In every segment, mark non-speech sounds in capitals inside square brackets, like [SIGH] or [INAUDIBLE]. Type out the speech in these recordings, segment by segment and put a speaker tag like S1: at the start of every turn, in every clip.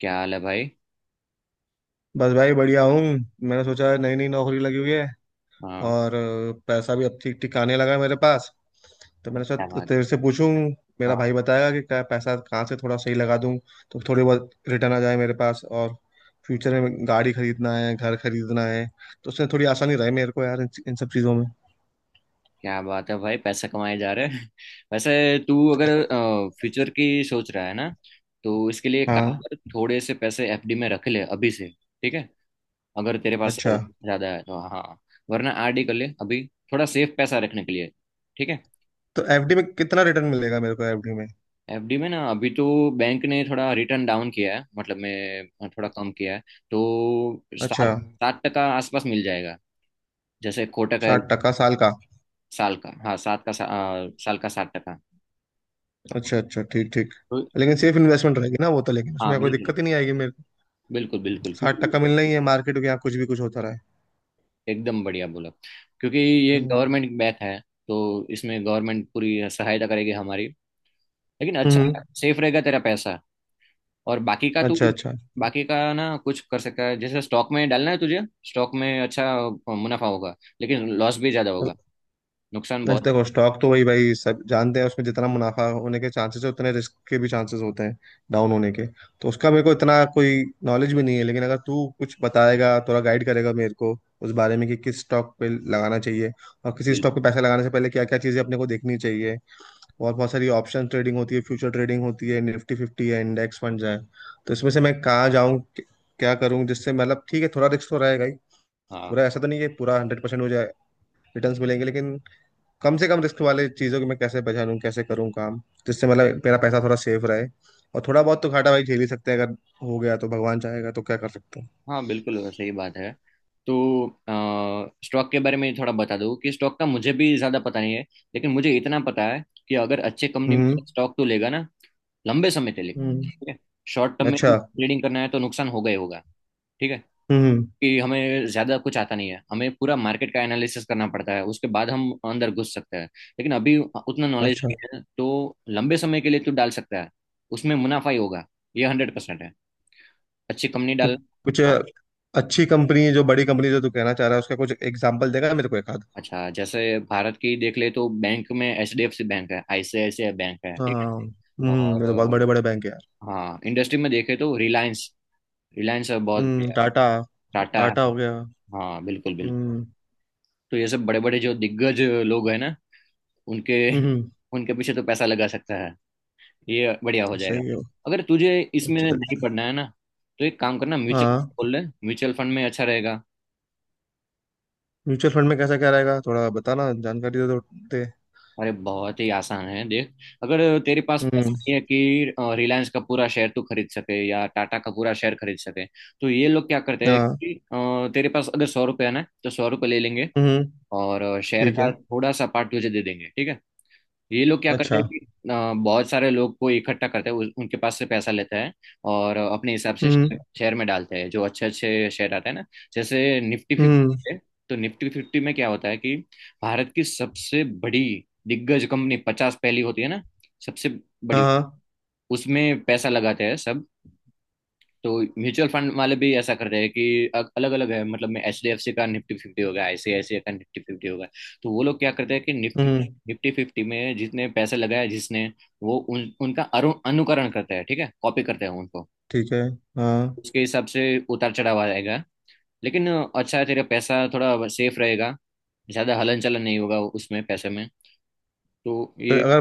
S1: क्या हाल है भाई।
S2: बस भाई बढ़िया हूँ। मैंने सोचा नई नई नौकरी लगी हुई है।
S1: हाँ।
S2: और पैसा भी अब ठीक ठीक आने लगा है मेरे पास। तो
S1: अरे
S2: मैंने सोचा
S1: क्या
S2: तो
S1: बात
S2: तेरे
S1: है।
S2: से पूछूं। मेरा
S1: हाँ।
S2: भाई बताएगा कि क्या पैसा कहाँ से थोड़ा सही लगा दूं। तो थोड़ी बहुत रिटर्न आ जाए मेरे पास। और फ्यूचर में गाड़ी खरीदना है, घर खरीदना है। तो उससे थोड़ी आसानी रहे मेरे को यार इन सब चीज़ों में।
S1: क्या बात है भाई, पैसा कमाए जा रहे हैं। [LAUGHS] वैसे तू अगर फ्यूचर की सोच रहा है ना, तो इसके लिए एक काम
S2: हाँ।
S1: कर, थोड़े से पैसे FD में रख ले अभी से। ठीक है? अगर तेरे पास
S2: अच्छा।
S1: ज्यादा है तो। हाँ, वरना RD कर ले अभी, थोड़ा सेफ पैसा रखने के लिए। ठीक है?
S2: तो एफडी में कितना रिटर्न मिलेगा मेरे को, एफडी में?
S1: FD में ना अभी तो बैंक ने थोड़ा रिटर्न डाउन किया है, मतलब मैं थोड़ा कम किया है। तो
S2: अच्छा।
S1: सात, सात टका आसपास मिल जाएगा, जैसे कोटक है।
S2: 60 टका साल का?
S1: साल का, हाँ, सात का साल का 7 टका।
S2: अच्छा अच्छा, ठीक ठीक।
S1: तो
S2: लेकिन सेफ इन्वेस्टमेंट रहेगी ना वो तो, लेकिन
S1: हाँ
S2: उसमें कोई
S1: बिल्कुल।
S2: दिक्कत ही नहीं आएगी।
S1: बिल्कुल बिल्कुल
S2: साठ
S1: क्योंकि
S2: टक्का मिलना ही है, मार्केट के यहाँ कुछ भी कुछ होता रहा है।
S1: एकदम बढ़िया बोला। क्योंकि ये
S2: हम्म।
S1: गवर्नमेंट बैच है, तो इसमें गवर्नमेंट पूरी सहायता करेगी हमारी। लेकिन अच्छा,
S2: हम्म।
S1: सेफ रहेगा तेरा पैसा। और बाकी का तू,
S2: अच्छा अच्छा।
S1: बाकी का ना कुछ कर सकता है। जैसे स्टॉक में डालना है तुझे, स्टॉक में अच्छा मुनाफा होगा लेकिन लॉस भी ज्यादा
S2: तो
S1: होगा, नुकसान बहुत।
S2: देखो, स्टॉक तो वही भाई सब जानते हैं, उसमें जितना मुनाफा होने के चांसेस है उतने रिस्क के भी चांसेस होते हैं, डाउन होने के। तो उसका मेरे को इतना कोई नॉलेज भी नहीं है, लेकिन अगर तू कुछ बताएगा, थोड़ा गाइड करेगा मेरे को उस बारे में कि किस स्टॉक पे लगाना चाहिए, और किसी स्टॉक पे
S1: बिल्कुल।
S2: पैसा लगाने से पहले क्या क्या चीजें अपने को देखनी चाहिए। और बहुत सारी ऑप्शन ट्रेडिंग होती है, फ्यूचर ट्रेडिंग होती है, निफ्टी फिफ्टी है, इंडेक्स फंड है। तो इसमें से मैं कहाँ जाऊँ, क्या करूँ, जिससे मतलब ठीक है, थोड़ा रिस्क तो रहेगा ही।
S1: हाँ,
S2: पूरा ऐसा तो नहीं कि पूरा 100% हो जाए रिटर्न्स मिलेंगे, लेकिन कम से कम रिस्क वाले चीज़ों की मैं कैसे पहचानूँ, कैसे करूँ काम, जिससे मतलब मेरा पैसा थोड़ा सेफ रहे। और थोड़ा बहुत तो घाटा भाई झेल ही सकते हैं। अगर हो गया तो भगवान चाहेगा, तो क्या कर सकते हैं।
S1: हाँ बिल्कुल, वो सही बात है। तो स्टॉक के बारे में थोड़ा बता दूँ कि स्टॉक का मुझे भी ज़्यादा पता नहीं है, लेकिन मुझे इतना पता है कि अगर अच्छे कंपनी
S2: हम्म।
S1: में स्टॉक तो लेगा ना, लंबे समय के लिए।
S2: हम्म।
S1: ठीक है? शॉर्ट टर्म में
S2: अच्छा।
S1: ट्रेडिंग करना है तो नुकसान होगा ही होगा। ठीक है
S2: हम्म।
S1: कि हमें ज़्यादा कुछ आता नहीं है, हमें पूरा मार्केट का एनालिसिस करना पड़ता है उसके बाद हम अंदर घुस सकते हैं। लेकिन अभी उतना नॉलेज
S2: अच्छा,
S1: नहीं है तो लंबे समय के लिए तू डाल सकता है, उसमें मुनाफा ही होगा। ये 100% है, अच्छी कंपनी
S2: तो
S1: डालना।
S2: कुछ अच्छी कंपनी, जो बड़ी कंपनी जो तू कहना चाह रहा है, उसका कुछ एग्जाम्पल देगा मेरे को एक?
S1: अच्छा, जैसे भारत की देख ले तो बैंक में HDFC बैंक है, ICICI बैंक है। ठीक
S2: हाँ।
S1: है?
S2: हम्म,
S1: और
S2: ये तो बहुत बड़े बड़े बैंक है यार।
S1: हाँ, इंडस्ट्री में देखे तो रिलायंस, रिलायंस बहुत
S2: हम्म,
S1: बढ़िया है।
S2: टाटा।
S1: टाटा
S2: टाटा
S1: है।
S2: हो गया।
S1: हाँ बिल्कुल बिल्कुल।
S2: हम्म।
S1: तो ये सब बड़े बड़े जो दिग्गज लोग हैं ना, उनके,
S2: हम्म।
S1: उनके पीछे तो पैसा लगा सकता है, ये बढ़िया हो जाएगा।
S2: सही है।
S1: अगर तुझे इसमें
S2: चल।
S1: नहीं पढ़ना है ना, तो एक काम करना, म्यूचुअल
S2: हाँ।
S1: खोल ले, म्यूचुअल फंड में अच्छा रहेगा।
S2: म्यूचुअल फंड में कैसा क्या रहेगा? थोड़ा बताना, जानकारी दे दो दे।
S1: अरे बहुत ही आसान है, देख। अगर तेरे पास पैसा
S2: हम्म।
S1: नहीं है कि रिलायंस का पूरा शेयर तू खरीद सके या टाटा का पूरा शेयर खरीद सके, तो ये लोग क्या करते हैं
S2: हाँ।
S1: कि तेरे पास अगर 100 रुपये है ना, तो 100 रुपये ले लेंगे
S2: हम्म।
S1: और शेयर
S2: ठीक
S1: का
S2: है।
S1: थोड़ा सा पार्ट तुझे दे देंगे। ठीक है? ये लोग क्या करते हैं
S2: अच्छा।
S1: कि बहुत सारे लोग को इकट्ठा करते हैं, उनके पास से पैसा लेते हैं और अपने हिसाब से
S2: हम्म।
S1: शेयर में डालते हैं, जो अच्छे अच्छे शेयर आते हैं ना, जैसे निफ्टी
S2: हम्म।
S1: फिफ्टी। तो निफ्टी फिफ्टी में क्या होता है कि भारत की सबसे बड़ी दिग्गज कंपनी 50 पहली होती है ना, सबसे
S2: हाँ
S1: बड़ी,
S2: हाँ।
S1: उसमें पैसा लगाते हैं सब। तो म्यूचुअल फंड वाले भी ऐसा कर रहे हैं कि अलग अलग है, मतलब में HDFC का निफ्टी फिफ्टी होगा, ICICI का निफ्टी फिफ्टी होगा। तो वो लोग क्या करते हैं कि निफ्टी,
S2: हम्म।
S1: निफ्टी फिफ्टी में जितने पैसे लगाए जिसने, वो उन, उनका अनुकरण करते हैं। ठीक है, कॉपी करते हैं उनको।
S2: ठीक है। हाँ।
S1: उसके हिसाब से उतार चढ़ाव आएगा, लेकिन अच्छा है, तेरा पैसा थोड़ा सेफ रहेगा, ज्यादा हलन चलन नहीं होगा उसमें पैसे में। तो
S2: तो
S1: ये
S2: अगर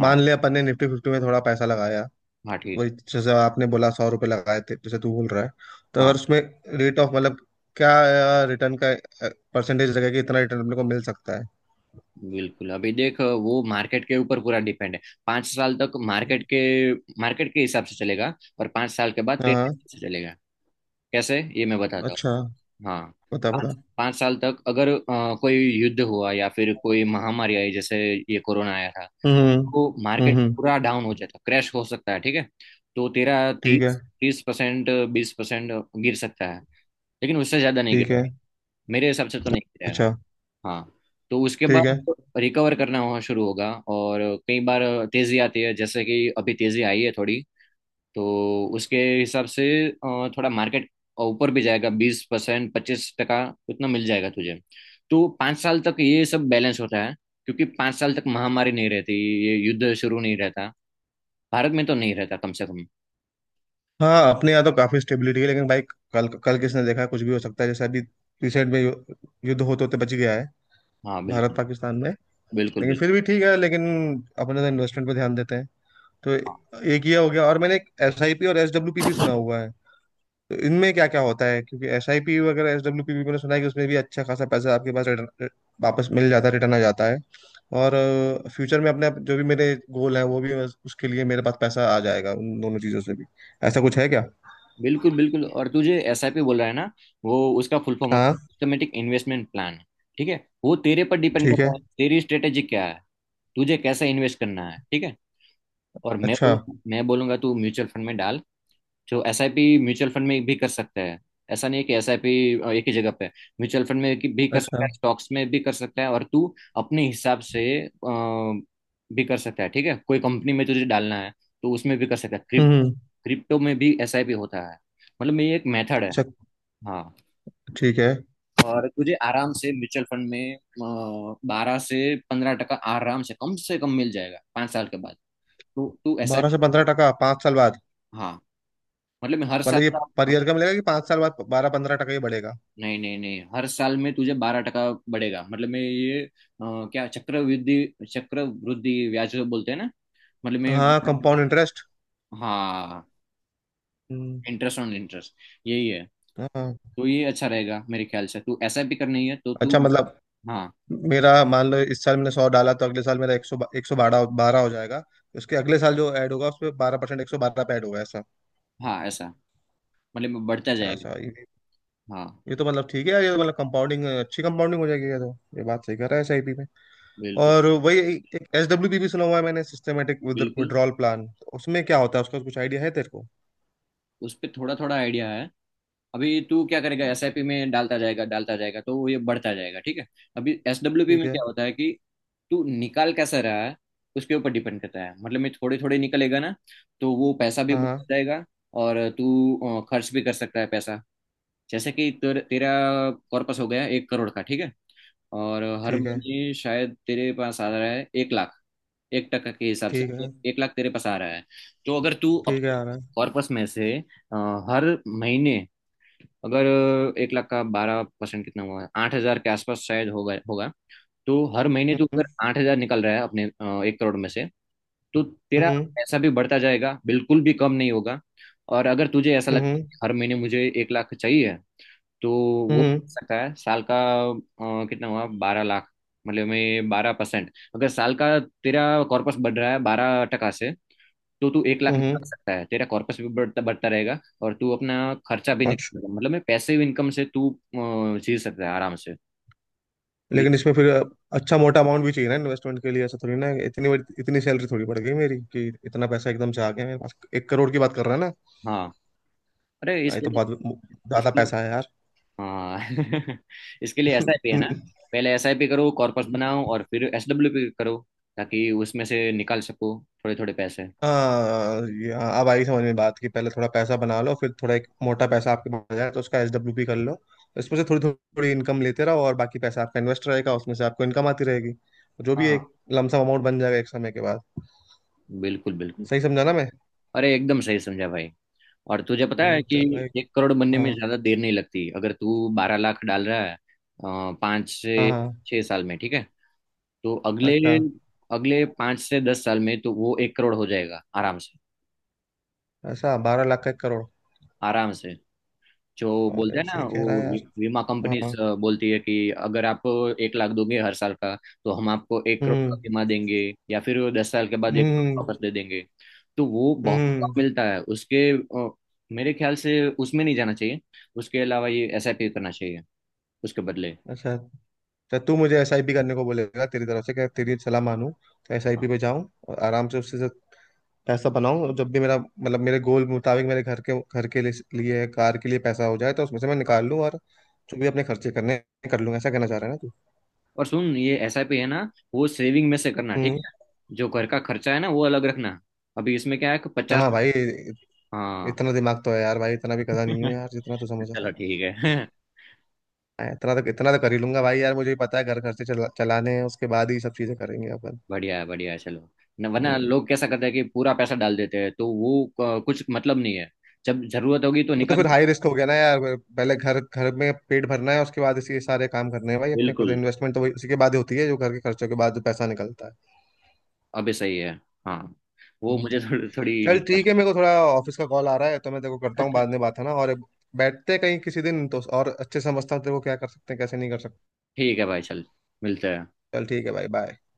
S1: हाँ।
S2: मान लिया अपन ने निफ्टी फिफ्टी में थोड़ा पैसा लगाया,
S1: हाँ ठीक
S2: वही
S1: है।
S2: जैसे आपने बोला ₹100 लगाए थे, जैसे तू बोल रहा है, तो अगर
S1: हाँ
S2: उसमें रेट ऑफ मतलब क्या, रिटर्न का परसेंटेज लगेगा कि इतना रिटर्न अपने को मिल सकता है?
S1: बिल्कुल, अभी देख, वो मार्केट के ऊपर पूरा डिपेंड है। पांच साल तक मार्केट के, मार्केट के हिसाब से चलेगा और 5 साल के बाद तेरे
S2: हाँ।
S1: हिसाब से चलेगा। कैसे, ये मैं बताता
S2: अच्छा।
S1: हूँ। हाँ,
S2: बता
S1: पाँच
S2: बता।
S1: पाँच साल तक अगर कोई युद्ध हुआ या फिर कोई महामारी आई, जैसे ये कोरोना आया था,
S2: हम्म।
S1: तो
S2: हम्म।
S1: मार्केट
S2: हम्म।
S1: पूरा डाउन हो जाता, क्रैश हो सकता है। ठीक है? तो तेरा
S2: ठीक
S1: तीस
S2: है।
S1: तीस परसेंट 20% गिर सकता है, लेकिन उससे ज्यादा नहीं
S2: ठीक है।
S1: गिरेगा। मेरे हिसाब से तो नहीं गिरेगा।
S2: अच्छा।
S1: हाँ। तो उसके
S2: ठीक
S1: बाद
S2: है।
S1: रिकवर करना वहाँ शुरू होगा और कई बार तेजी आती है, जैसे कि अभी तेजी आई है थोड़ी। तो उसके हिसाब से थोड़ा मार्केट ऊपर भी जाएगा, 20%, 25 टका, उतना मिल जाएगा तुझे। तो 5 साल तक ये सब बैलेंस होता है, क्योंकि 5 साल तक महामारी नहीं रहती, ये युद्ध शुरू नहीं रहता, भारत में तो नहीं रहता कम से कम।
S2: हाँ, अपने यहाँ तो काफी स्टेबिलिटी है, लेकिन भाई कल कल किसने देखा है, कुछ भी हो सकता है। जैसे अभी रिसेंट में युद्ध होते होते बच गया है
S1: हाँ
S2: भारत
S1: बिल्कुल
S2: पाकिस्तान में।
S1: बिल्कुल,
S2: लेकिन
S1: बिल्कुल
S2: फिर भी ठीक है, लेकिन अपने तो इन्वेस्टमेंट पे ध्यान देते हैं। तो एक ये हो गया। और मैंने एसआईपी और एसडब्ल्यूपी भी सुना हुआ है। तो इनमें क्या क्या होता है? क्योंकि एसआईपी वगैरह एसडब्ल्यूपी भी मैंने सुना है कि उसमें भी अच्छा खासा पैसा आपके पास रिटर्न वापस मिल जाता है, रिटर्न आ जाता है। और फ्यूचर में अपने जो भी मेरे गोल है, वो भी बस उसके लिए मेरे पास पैसा आ जाएगा उन दोनों चीज़ों से भी। ऐसा कुछ है क्या?
S1: बिल्कुल बिल्कुल। और तुझे SIP बोल रहा है ना, वो, उसका फुल फॉर्म होता है
S2: हाँ।
S1: Systematic investment plan. ठीक है? वो तेरे पर डिपेंड
S2: ठीक
S1: करता
S2: है।
S1: है, तेरी स्ट्रेटेजी क्या है, तुझे कैसे इन्वेस्ट करना है। ठीक है? और मैं
S2: अच्छा।
S1: बोलूंगा मैं बोलूंगा तू म्यूचुअल फंड में डाल। जो एसआईपी म्यूचुअल फंड में भी कर सकता है, ऐसा नहीं है कि एसआईपी एक ही जगह पे है। म्यूचुअल फंड में भी कर सकता है,
S2: अच्छा।
S1: स्टॉक्स में भी कर सकता है, और तू अपने हिसाब से भी कर सकता है। ठीक है? कोई कंपनी में तुझे डालना है तो उसमें भी कर सकता है।
S2: हम्म।
S1: क्रिप्टो में भी एसआईपी होता है, मतलब ये एक मेथड है।
S2: अच्छा।
S1: हाँ।
S2: ठीक है।
S1: और तुझे आराम से म्यूचुअल फंड में 12 से 15 टका आराम से, कम से कम, मिल जाएगा 5 साल के बाद। तो तू ऐसा।
S2: 12 से 15 टका 5 साल बाद?
S1: हाँ, मतलब मैं हर साल
S2: मतलब ये
S1: का।
S2: पर ईयर का मिलेगा, कि 5 साल बाद 12 15 टका ही बढ़ेगा?
S1: नहीं नहीं नहीं, हर साल में तुझे 12 टका बढ़ेगा, मतलब मैं ये क्या चक्रवृद्धि, चक्रवृद्धि ब्याज बोलते हैं ना, मतलब मैं।
S2: हाँ, कंपाउंड इंटरेस्ट।
S1: हाँ, इंटरेस्ट ऑन इंटरेस्ट, यही है।
S2: हाँ।
S1: तो ये अच्छा रहेगा मेरे ख्याल से, तू ऐसा भी करनी है तो तू।
S2: अच्छा मतलब
S1: हाँ,
S2: मेरा, मान लो इस साल मैंने 100 डाला तो अगले साल मेरा 100, 112 बारह हो जाएगा? उसके अगले साल जो ऐड होगा उस पर 12% 112 पे ऐड होगा, ऐसा?
S1: हाँ ऐसा, मतलब बढ़ता जाएगा।
S2: ऐसा ये?
S1: हाँ
S2: ये तो मतलब ठीक है यार, ये तो मतलब कंपाउंडिंग, अच्छी कंपाउंडिंग हो जाएगी ये तो। ये बात सही कर रहा है एसआईपी में।
S1: बिल्कुल
S2: और वही एक एस डब्ल्यू बी भी सुना हुआ है मैंने, सिस्टमेटिक
S1: बिल्कुल।
S2: Withdrawal plan. उसमें क्या होता है, उसका कुछ आइडिया है तेरे को?
S1: उस पर थोड़ा थोड़ा आइडिया है। अभी तू क्या करेगा, एसआईपी में डालता जाएगा तो वो ये बढ़ता जाएगा। ठीक है? अभी SWP
S2: ठीक
S1: में
S2: है।
S1: क्या होता है कि तू निकाल कैसा रहा है, उसके ऊपर डिपेंड करता है। मतलब मैं थोड़े थोड़े निकलेगा ना, तो वो पैसा भी
S2: हाँ
S1: बढ़ता
S2: हाँ।
S1: जाएगा और तू खर्च भी कर सकता है पैसा। जैसे कि तेरा कॉर्पस हो गया 1 करोड़ का। ठीक है? और हर
S2: ठीक है।
S1: महीने शायद तेरे पास आ रहा है 1 लाख, एक टका के हिसाब से
S2: ठीक
S1: एक,
S2: है।
S1: एक लाख तेरे पास आ रहा है। तो अगर तू
S2: ठीक है,
S1: अपने
S2: आ रहा है।
S1: कॉर्पस में से हर महीने, अगर 1 लाख का 12% कितना हुआ है, 8 हज़ार के आसपास शायद होगा होगा। तो हर महीने तू
S2: हम्म।
S1: अगर 8 हज़ार निकल रहा है अपने 1 करोड़ में से, तो तेरा
S2: हम्म।
S1: पैसा भी बढ़ता जाएगा, बिल्कुल भी कम नहीं होगा। और अगर तुझे ऐसा
S2: हम्म।
S1: लगता है
S2: हम्म।
S1: कि हर महीने मुझे 1 लाख चाहिए, तो वो
S2: हम्म।
S1: मिल सकता है साल का कितना हुआ, 12 लाख, मतलब में 12%। अगर साल का तेरा कॉर्पस बढ़ रहा है 12 टका से, तो तू 1 लाख निकाल
S2: हम्म।
S1: सकता है, तेरा कॉर्पस भी बढ़ता बढ़ता रहेगा और तू अपना खर्चा भी
S2: हम्म।
S1: निकाल, मतलब में पैसिव इनकम से तू जी सकता है आराम से। ये-
S2: लेकिन इसमें फिर अच्छा मोटा अमाउंट भी चाहिए ना इन्वेस्टमेंट के लिए। ऐसा थोड़ी ना इतनी सैलरी थोड़ी बढ़ गई मेरी कि इतना पैसा एकदम से आ गया मेरे पास। 1 करोड़ की बात कर रहा है ना?
S1: हाँ, अरे
S2: हाँ, ये
S1: इसके
S2: तो
S1: लिए,
S2: बहुत ज्यादा
S1: इसके लिए
S2: पैसा है यार।
S1: हाँ [LAUGHS] इसके लिए एसआईपी है ना,
S2: [LAUGHS]
S1: पहले SIP करो, कॉर्पस बनाओ, और फिर SWP करो ताकि उसमें से निकाल सको थोड़े थोड़े पैसे।
S2: हाँ हाँ, अब आई समझ में बात कि पहले थोड़ा पैसा बना लो, फिर थोड़ा एक मोटा पैसा आपके पास आ जाए तो उसका एसडब्ल्यूपी कर लो। तो इसमें से थोड़ी थोड़ी इनकम लेते रहो, और बाकी पैसा आपका इन्वेस्ट रहेगा, उसमें से आपको इनकम आती रहेगी। जो भी
S1: हाँ
S2: एक लमसम अमाउंट बन जाएगा एक समय के बाद।
S1: बिल्कुल बिल्कुल।
S2: सही समझा ना मैं?
S1: अरे एकदम सही समझा भाई। और तुझे पता है कि
S2: चल भाई।
S1: 1 करोड़ बनने में
S2: हाँ।
S1: ज्यादा देर नहीं लगती, अगर तू बारह लाख डाल रहा है पाँच
S2: हाँ।
S1: से
S2: हाँ।
S1: छह साल में। ठीक है? तो अगले
S2: अच्छा।
S1: अगले 5 से 10 साल में तो वो 1 करोड़ हो जाएगा आराम से,
S2: ऐसा 12 लाख का 1 करोड़?
S1: आराम से। जो बोलते
S2: अरे
S1: हैं ना
S2: सही कह
S1: वो
S2: रहा है यार।
S1: बीमा कंपनीज
S2: हाँ।
S1: बोलती है कि अगर आप 1 लाख दोगे हर साल का, तो हम आपको 1 करोड़ का
S2: हम्म।
S1: बीमा देंगे, या फिर वो 10 साल के बाद 1 करोड़
S2: हम्म।
S1: वापस दे देंगे। तो वो बहुत कम
S2: हम्म।
S1: मिलता है उसके मेरे ख्याल से उसमें नहीं जाना चाहिए। उसके अलावा ये एसआईपी करना चाहिए उसके बदले।
S2: अच्छा, तो तू मुझे एसआईपी करने को बोलेगा? तेरी तरफ से क्या, तेरी सलाह मानूं तो एसआईपी
S1: हाँ।
S2: पे जाऊं और आराम से उससे से पैसा बनाऊं। जब भी मेरा मतलब, मेरे गोल मुताबिक मेरे घर के लिए लिए, कार के लिए पैसा हो जाए तो उसमें से मैं
S1: हाँ।
S2: निकाल लूं। और जो भी अपने खर्चे करने हैं, कर लूंगा, ऐसा कहना चाह रहा है ना तू?
S1: और सुन, ये एसआईपी है ना, वो सेविंग में से करना। ठीक
S2: हम्म।
S1: है? जो घर का खर्चा है ना, वो अलग रखना। अभी इसमें क्या है कि 50,
S2: हाँ भाई,
S1: हाँ
S2: इतना दिमाग तो है यार भाई, इतना भी गधा नहीं हूँ यार जितना तू
S1: [LAUGHS]
S2: समझ रहा
S1: चलो
S2: है।
S1: ठीक है,
S2: हाँ, इतना तो कर ही लूंगा भाई यार, मुझे भी पता है घर खर्चे चलाने हैं, उसके बाद ही सब चीजें करेंगे अपन।
S1: बढ़िया है बढ़िया है, चलो। न वरना
S2: हम्म।
S1: लोग कैसा करते हैं कि पूरा पैसा डाल देते हैं, तो वो कुछ मतलब नहीं है। जब जरूरत होगी तो
S2: वो तो
S1: निकाल।
S2: फिर हाई रिस्क हो गया ना यार। पहले घर घर में पेट भरना है, उसके बाद इसी सारे काम करने हैं भाई अपने को। तो
S1: बिल्कुल,
S2: इन्वेस्टमेंट तो उसी के बाद ही होती है, जो घर के खर्चों के बाद जो पैसा निकलता है।
S1: अभी सही है। हाँ, वो
S2: हम्म।
S1: मुझे थोड़ी थोड़ी
S2: चल
S1: नहीं पता।
S2: ठीक है, मेरे को थोड़ा ऑफिस का कॉल आ रहा है, तो मैं तेरे को करता हूँ
S1: अच्छा,
S2: बाद में, बात है ना। और बैठते हैं कहीं किसी दिन तो, और अच्छे से समझता हूँ तेरे को क्या कर सकते हैं, कैसे नहीं कर सकते।
S1: ठीक है भाई, चल, मिलते हैं।
S2: चल ठीक है भाई, बाय।